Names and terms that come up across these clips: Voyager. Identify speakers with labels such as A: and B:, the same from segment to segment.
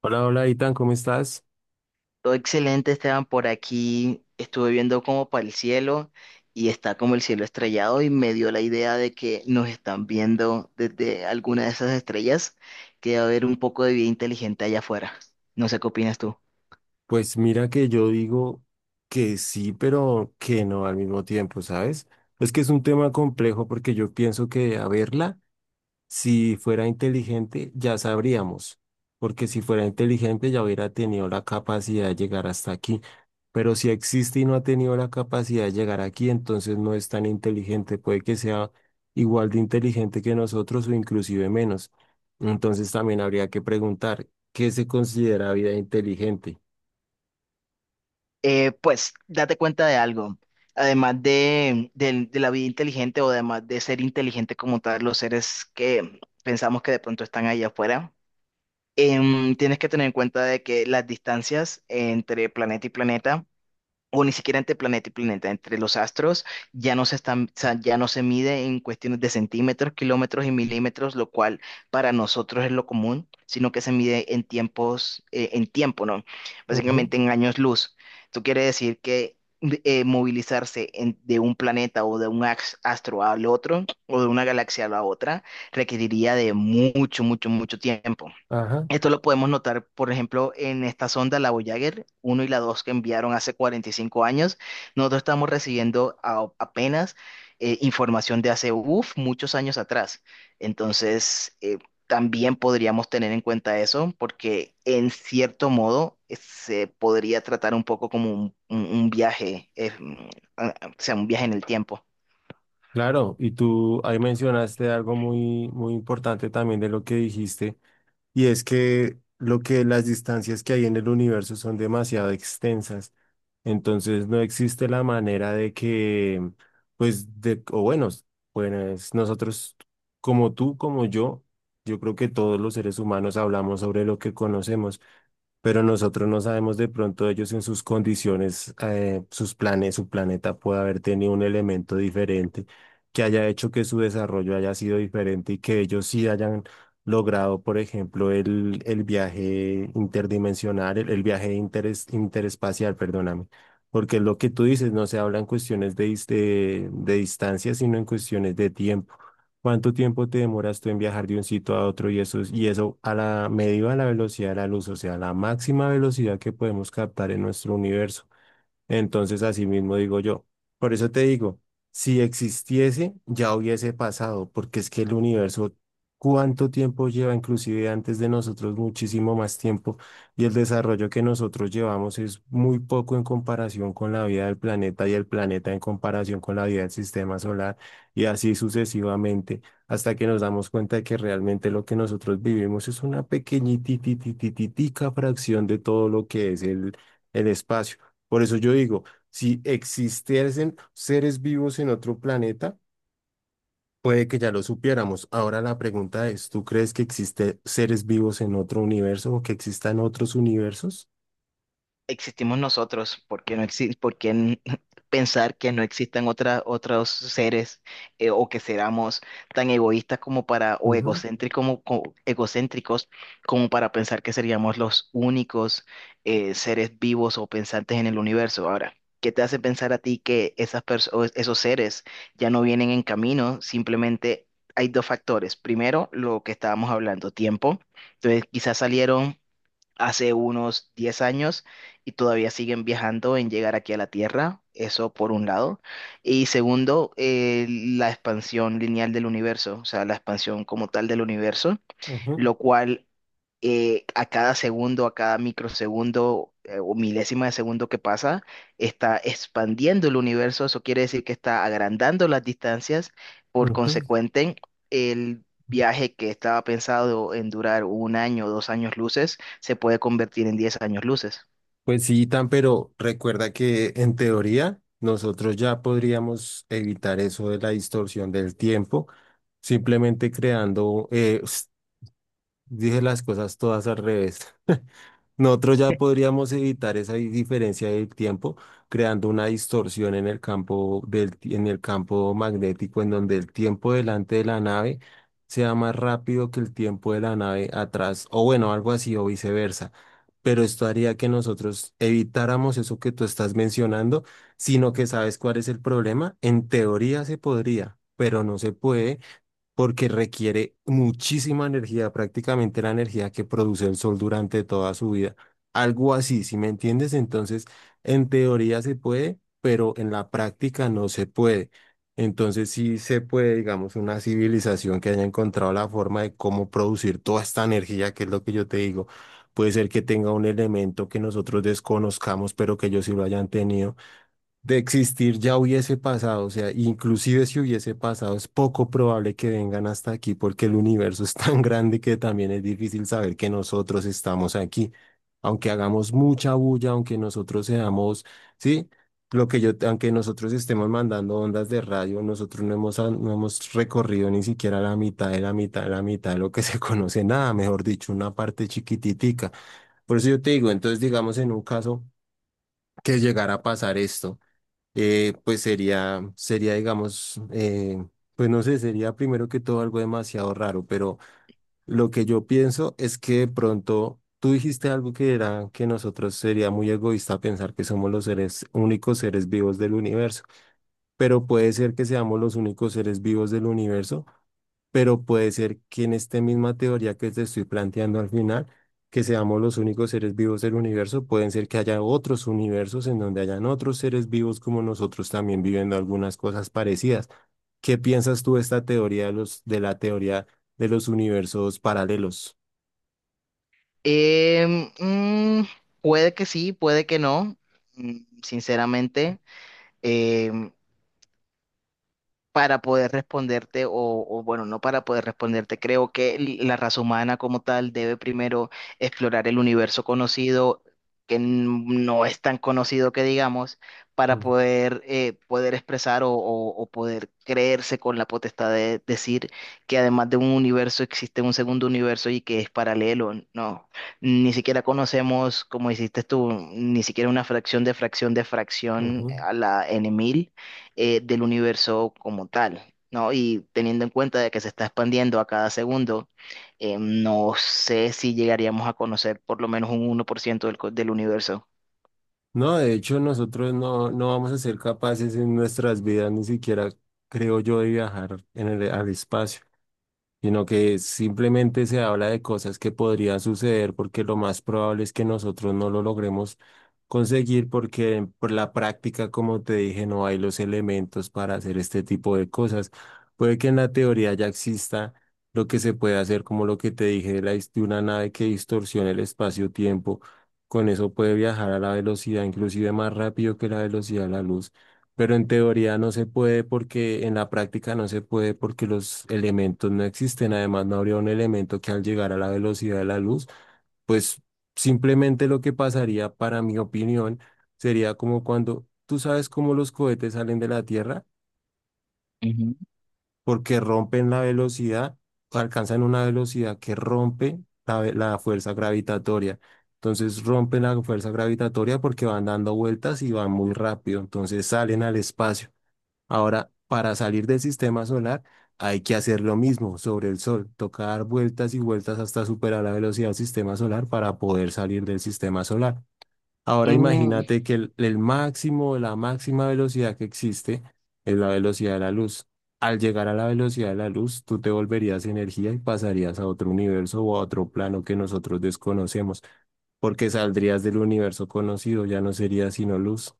A: Hola, hola, Itan, ¿cómo estás?
B: Todo excelente, Esteban, por aquí. Estuve viendo como para el cielo y está como el cielo estrellado y me dio la idea de que nos están viendo desde alguna de esas estrellas, que debe haber un poco de vida inteligente allá afuera. No sé qué opinas tú.
A: Pues mira que yo digo que sí, pero que no al mismo tiempo, ¿sabes? Es que es un tema complejo porque yo pienso que a verla. Si fuera inteligente, ya sabríamos, porque si fuera inteligente ya hubiera tenido la capacidad de llegar hasta aquí. Pero si existe y no ha tenido la capacidad de llegar aquí, entonces no es tan inteligente. Puede que sea igual de inteligente que nosotros o inclusive menos. Entonces también habría que preguntar, ¿qué se considera vida inteligente?
B: Pues date cuenta de algo. Además de la vida inteligente o además de ser inteligente como tal, los seres que pensamos que de pronto están allá afuera, tienes que tener en cuenta de que las distancias entre planeta y planeta o ni siquiera entre planeta y planeta, entre los astros, ya no se están, o sea, ya no se mide en cuestiones de centímetros, kilómetros y milímetros, lo cual para nosotros es lo común, sino que se mide en tiempos, en tiempo, ¿no?
A: Ujú.
B: Básicamente en años luz. Esto quiere decir que movilizarse de un planeta o de un astro al otro, o de una galaxia a la otra, requeriría de mucho, mucho, mucho tiempo.
A: Ajá.
B: Esto lo podemos notar, por ejemplo, en esta sonda, la Voyager 1 y la 2 que enviaron hace 45 años. Nosotros estamos recibiendo apenas información de hace uf, muchos años atrás. Entonces, también podríamos tener en cuenta eso, porque en cierto modo se podría tratar un poco como un viaje, o sea, un viaje en el tiempo.
A: Claro, y tú ahí mencionaste algo muy, muy importante también de lo que dijiste. Y es que lo que las distancias que hay en el universo son demasiado extensas, entonces no existe la manera de que, pues, de, o bueno, pues nosotros, como tú, como yo creo que todos los seres humanos hablamos sobre lo que conocemos, pero nosotros no sabemos de pronto ellos en sus condiciones, sus planes, su planeta puede haber tenido un elemento diferente que haya hecho que su desarrollo haya sido diferente y que ellos sí hayan logrado, por ejemplo, el viaje interdimensional, el, el viaje interespacial, perdóname. Porque es lo que tú dices, no se habla en cuestiones de, de distancia, sino en cuestiones de tiempo. ¿Cuánto tiempo te demoras tú en viajar de un sitio a otro y eso, y eso a la medida de la velocidad de la luz, o sea, la máxima velocidad que podemos captar en nuestro universo? Entonces, así mismo digo yo. Por eso te digo, si existiese, ya hubiese pasado, porque es que el universo, cuánto tiempo lleva, inclusive antes de nosotros, muchísimo más tiempo, y el desarrollo que nosotros llevamos es muy poco en comparación con la vida del planeta y el planeta en comparación con la vida del sistema solar, y así sucesivamente, hasta que nos damos cuenta de que realmente lo que nosotros vivimos es una pequeñitititititica fracción de todo lo que es el espacio. Por eso yo digo, si existiesen seres vivos en otro planeta, puede que ya lo supiéramos. Ahora la pregunta es, ¿tú crees que existen seres vivos en otro universo o que existan otros universos?
B: Existimos nosotros, ¿por qué no exi- por qué n- pensar que no existan otros seres o que seamos tan egoístas como para, o
A: Ujú,
B: egocéntricos egocéntricos como para pensar que seríamos los únicos seres vivos o pensantes en el universo? Ahora, ¿qué te hace pensar a ti que esas o esos seres ya no vienen en camino? Simplemente hay dos factores. Primero, lo que estábamos hablando, tiempo. Entonces, quizás salieron hace unos 10 años y todavía siguen viajando en llegar aquí a la Tierra, eso por un lado. Y segundo, la expansión lineal del universo, o sea, la expansión como tal del universo,
A: ujú,
B: lo cual a cada segundo, a cada microsegundo o milésima de segundo que pasa, está expandiendo el universo. Eso quiere decir que está agrandando las distancias. Por
A: ujú.
B: consecuente, el viaje que estaba pensado en durar un año o 2 años luces se puede convertir en 10 años luces.
A: Pues sí, tan, pero recuerda que en teoría nosotros ya podríamos evitar eso de la distorsión del tiempo, simplemente creando, dije las cosas todas al revés. Nosotros ya podríamos evitar esa diferencia del tiempo creando una distorsión en el campo del, en el campo magnético, en donde el tiempo delante de la nave sea más rápido que el tiempo de la nave atrás, o bueno, algo así o viceversa. Pero esto haría que nosotros evitáramos eso que tú estás mencionando, sino que sabes cuál es el problema. En teoría se podría, pero no se puede porque requiere muchísima energía, prácticamente la energía que produce el sol durante toda su vida. Algo así, si me entiendes, entonces en teoría se puede, pero en la práctica no se puede. Entonces sí se puede, digamos, una civilización que haya encontrado la forma de cómo producir toda esta energía, que es lo que yo te digo. Puede ser que tenga un elemento que nosotros desconozcamos, pero que ellos sí lo hayan tenido. De existir ya hubiese pasado, o sea, inclusive si hubiese pasado, es poco probable que vengan hasta aquí porque el universo es tan grande que también es difícil saber que nosotros estamos aquí. Aunque hagamos mucha bulla, aunque nosotros seamos, sí, lo que yo, aunque nosotros estemos mandando ondas de radio, nosotros no hemos, no hemos recorrido ni siquiera la mitad de la mitad de la mitad de lo que se conoce, nada, mejor dicho, una parte chiquititica. Por eso yo te digo, entonces digamos en un caso que llegara a pasar esto, pues sería, sería, digamos, pues no sé, sería primero que todo algo demasiado raro, pero lo que yo pienso es que de pronto tú dijiste algo que era que nosotros sería muy egoísta pensar que somos los seres, únicos seres vivos del universo, pero puede ser que seamos los únicos seres vivos del universo, pero puede ser que en esta misma teoría que te estoy planteando al final, que seamos los únicos seres vivos del universo, pueden ser que haya otros universos en donde hayan otros seres vivos como nosotros también viviendo algunas cosas parecidas. ¿Qué piensas tú de esta teoría de los, de la teoría de los universos paralelos?
B: Em, mm, puede que sí, puede que no. Sinceramente, em, para poder responderte, o bueno, no para poder responderte, creo que la raza humana como tal debe primero explorar el universo conocido, que no es tan conocido que digamos, para
A: Mm.
B: poder, poder expresar o poder creerse con la potestad de decir que además de un universo existe un segundo universo y que es paralelo. No, ni siquiera conocemos, como hiciste tú, ni siquiera una fracción de fracción de fracción
A: Ujú.
B: a la n, del universo como tal, ¿no? Y teniendo en cuenta de que se está expandiendo a cada segundo, no sé si llegaríamos a conocer por lo menos un 1% del universo.
A: No, de hecho, nosotros no, no vamos a ser capaces en nuestras vidas, ni siquiera creo yo, de viajar en el, al espacio. Sino que simplemente se habla de cosas que podrían suceder porque lo más probable es que nosotros no lo logremos conseguir porque por la práctica, como te dije, no hay los elementos para hacer este tipo de cosas. Puede que en la teoría ya exista lo que se puede hacer, como lo que te dije de, la, de una nave que distorsiona el espacio-tiempo. Con eso puede viajar a la velocidad, inclusive más rápido que la velocidad de la luz. Pero en teoría no se puede porque en la práctica no se puede porque los elementos no existen. Además, no habría un elemento que al llegar a la velocidad de la luz, pues simplemente lo que pasaría, para mi opinión, sería como cuando tú sabes cómo los cohetes salen de la Tierra
B: Ujú.
A: porque rompen la velocidad, alcanzan una velocidad que rompe la, la fuerza gravitatoria. Entonces rompen la fuerza gravitatoria porque van dando vueltas y van muy rápido. Entonces salen al espacio. Ahora, para salir del sistema solar, hay que hacer lo mismo sobre el Sol, toca dar vueltas y vueltas hasta superar la velocidad del sistema solar para poder salir del sistema solar. Ahora
B: Mm,
A: imagínate que el máximo, la máxima velocidad que existe es la velocidad de la luz. Al llegar a la velocidad de la luz, tú te volverías energía y pasarías a otro universo o a otro plano que nosotros desconocemos, porque saldrías del universo conocido, ya no sería sino luz.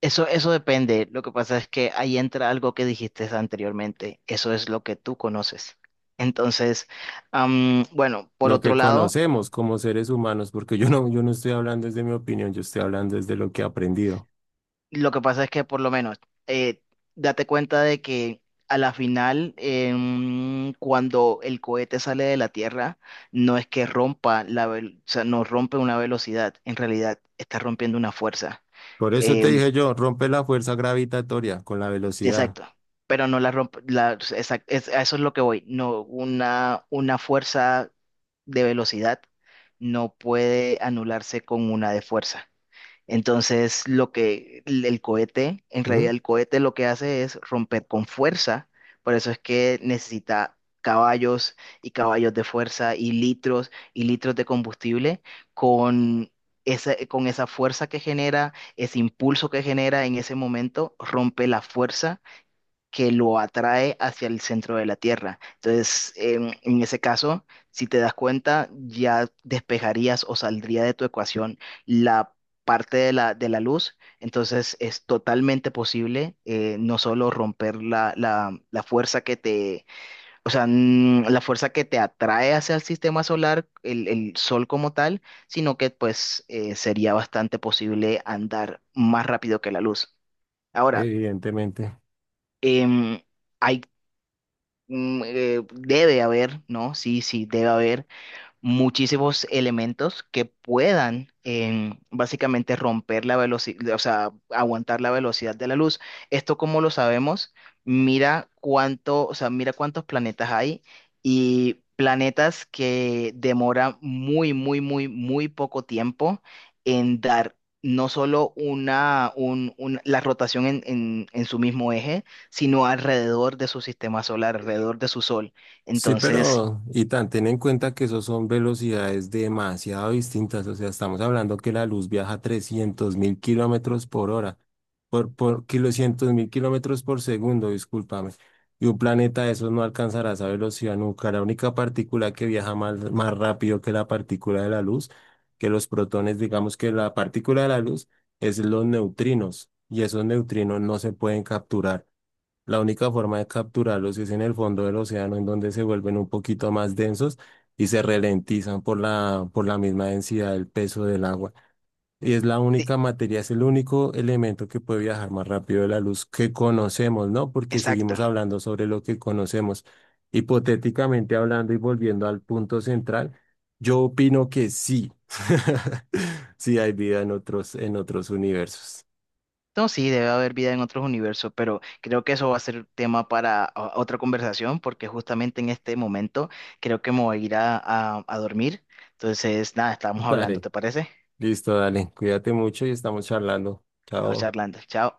B: eso, eso depende. Lo que pasa es que ahí entra algo que dijiste anteriormente. Eso es lo que tú conoces. Entonces, bueno, por
A: Lo
B: otro
A: que
B: lado,
A: conocemos como seres humanos, porque yo no, yo no estoy hablando desde mi opinión, yo estoy hablando desde lo que he aprendido.
B: lo que pasa es que por lo menos, eh, date cuenta de que a la final, cuando el cohete sale de la Tierra, no es que rompa la, o sea, no rompe una velocidad, en realidad está rompiendo una fuerza.
A: Por eso te
B: Em,
A: dije yo, rompe la fuerza gravitatoria con la velocidad.
B: exacto, pero no la rompe, a eso es lo que voy, no, una fuerza de velocidad no puede anularse con una de fuerza. Entonces, lo que el cohete, en
A: ¿Mm?
B: realidad el cohete lo que hace es romper con fuerza, por eso es que necesita caballos y caballos de fuerza y litros de combustible con con esa fuerza que genera, ese impulso que genera en ese momento, rompe la fuerza que lo atrae hacia el centro de la Tierra. Entonces, en ese caso, si te das cuenta, ya despejarías o saldría de tu ecuación la parte de de la luz. Entonces, es totalmente posible no solo romper la fuerza que te, o sea, la fuerza que te atrae hacia el sistema solar, el sol como tal, sino que pues sería bastante posible andar más rápido que la luz. Ahora,
A: Evidentemente.
B: em, hay debe haber, ¿no? Sí, sí, debe haber muchísimos elementos que puedan básicamente romper la velocidad, o sea, aguantar la velocidad de la luz. Esto, como lo sabemos, mira cuánto, o sea, mira cuántos planetas hay y planetas que demoran muy, muy, muy, muy poco tiempo en dar no solo la rotación en, en su mismo eje, sino alrededor de su sistema solar, alrededor de su sol.
A: Sí,
B: Entonces,
A: pero, y tan, ten en cuenta que esos son velocidades demasiado distintas. O sea, estamos hablando que la luz viaja 300.000 kilómetros por hora, por kilocientos mil kilómetros por segundo, discúlpame. Y un planeta de esos no alcanzará esa velocidad nunca. La única partícula que viaja más, más rápido que la partícula de la luz, que los protones, digamos que la partícula de la luz, es los neutrinos. Y esos neutrinos no se pueden capturar. La única forma de capturarlos es en el fondo del océano, en donde se vuelven un poquito más densos y se ralentizan por la misma densidad del peso del agua. Y es la
B: sí,
A: única materia, es el único elemento que puede viajar más rápido de la luz que conocemos, ¿no? Porque
B: exacto.
A: seguimos hablando sobre lo que conocemos. Hipotéticamente hablando y volviendo al punto central, yo opino que sí. Sí hay vida en otros universos.
B: No, sí, debe haber vida en otros universos, pero creo que eso va a ser tema para otra conversación, porque justamente en este momento creo que me voy a ir a dormir. Entonces, nada, estamos hablando,
A: Dale.
B: ¿te parece?
A: Listo, dale. Cuídate mucho y estamos charlando.
B: Estamos
A: Chao.
B: charlando. Chao.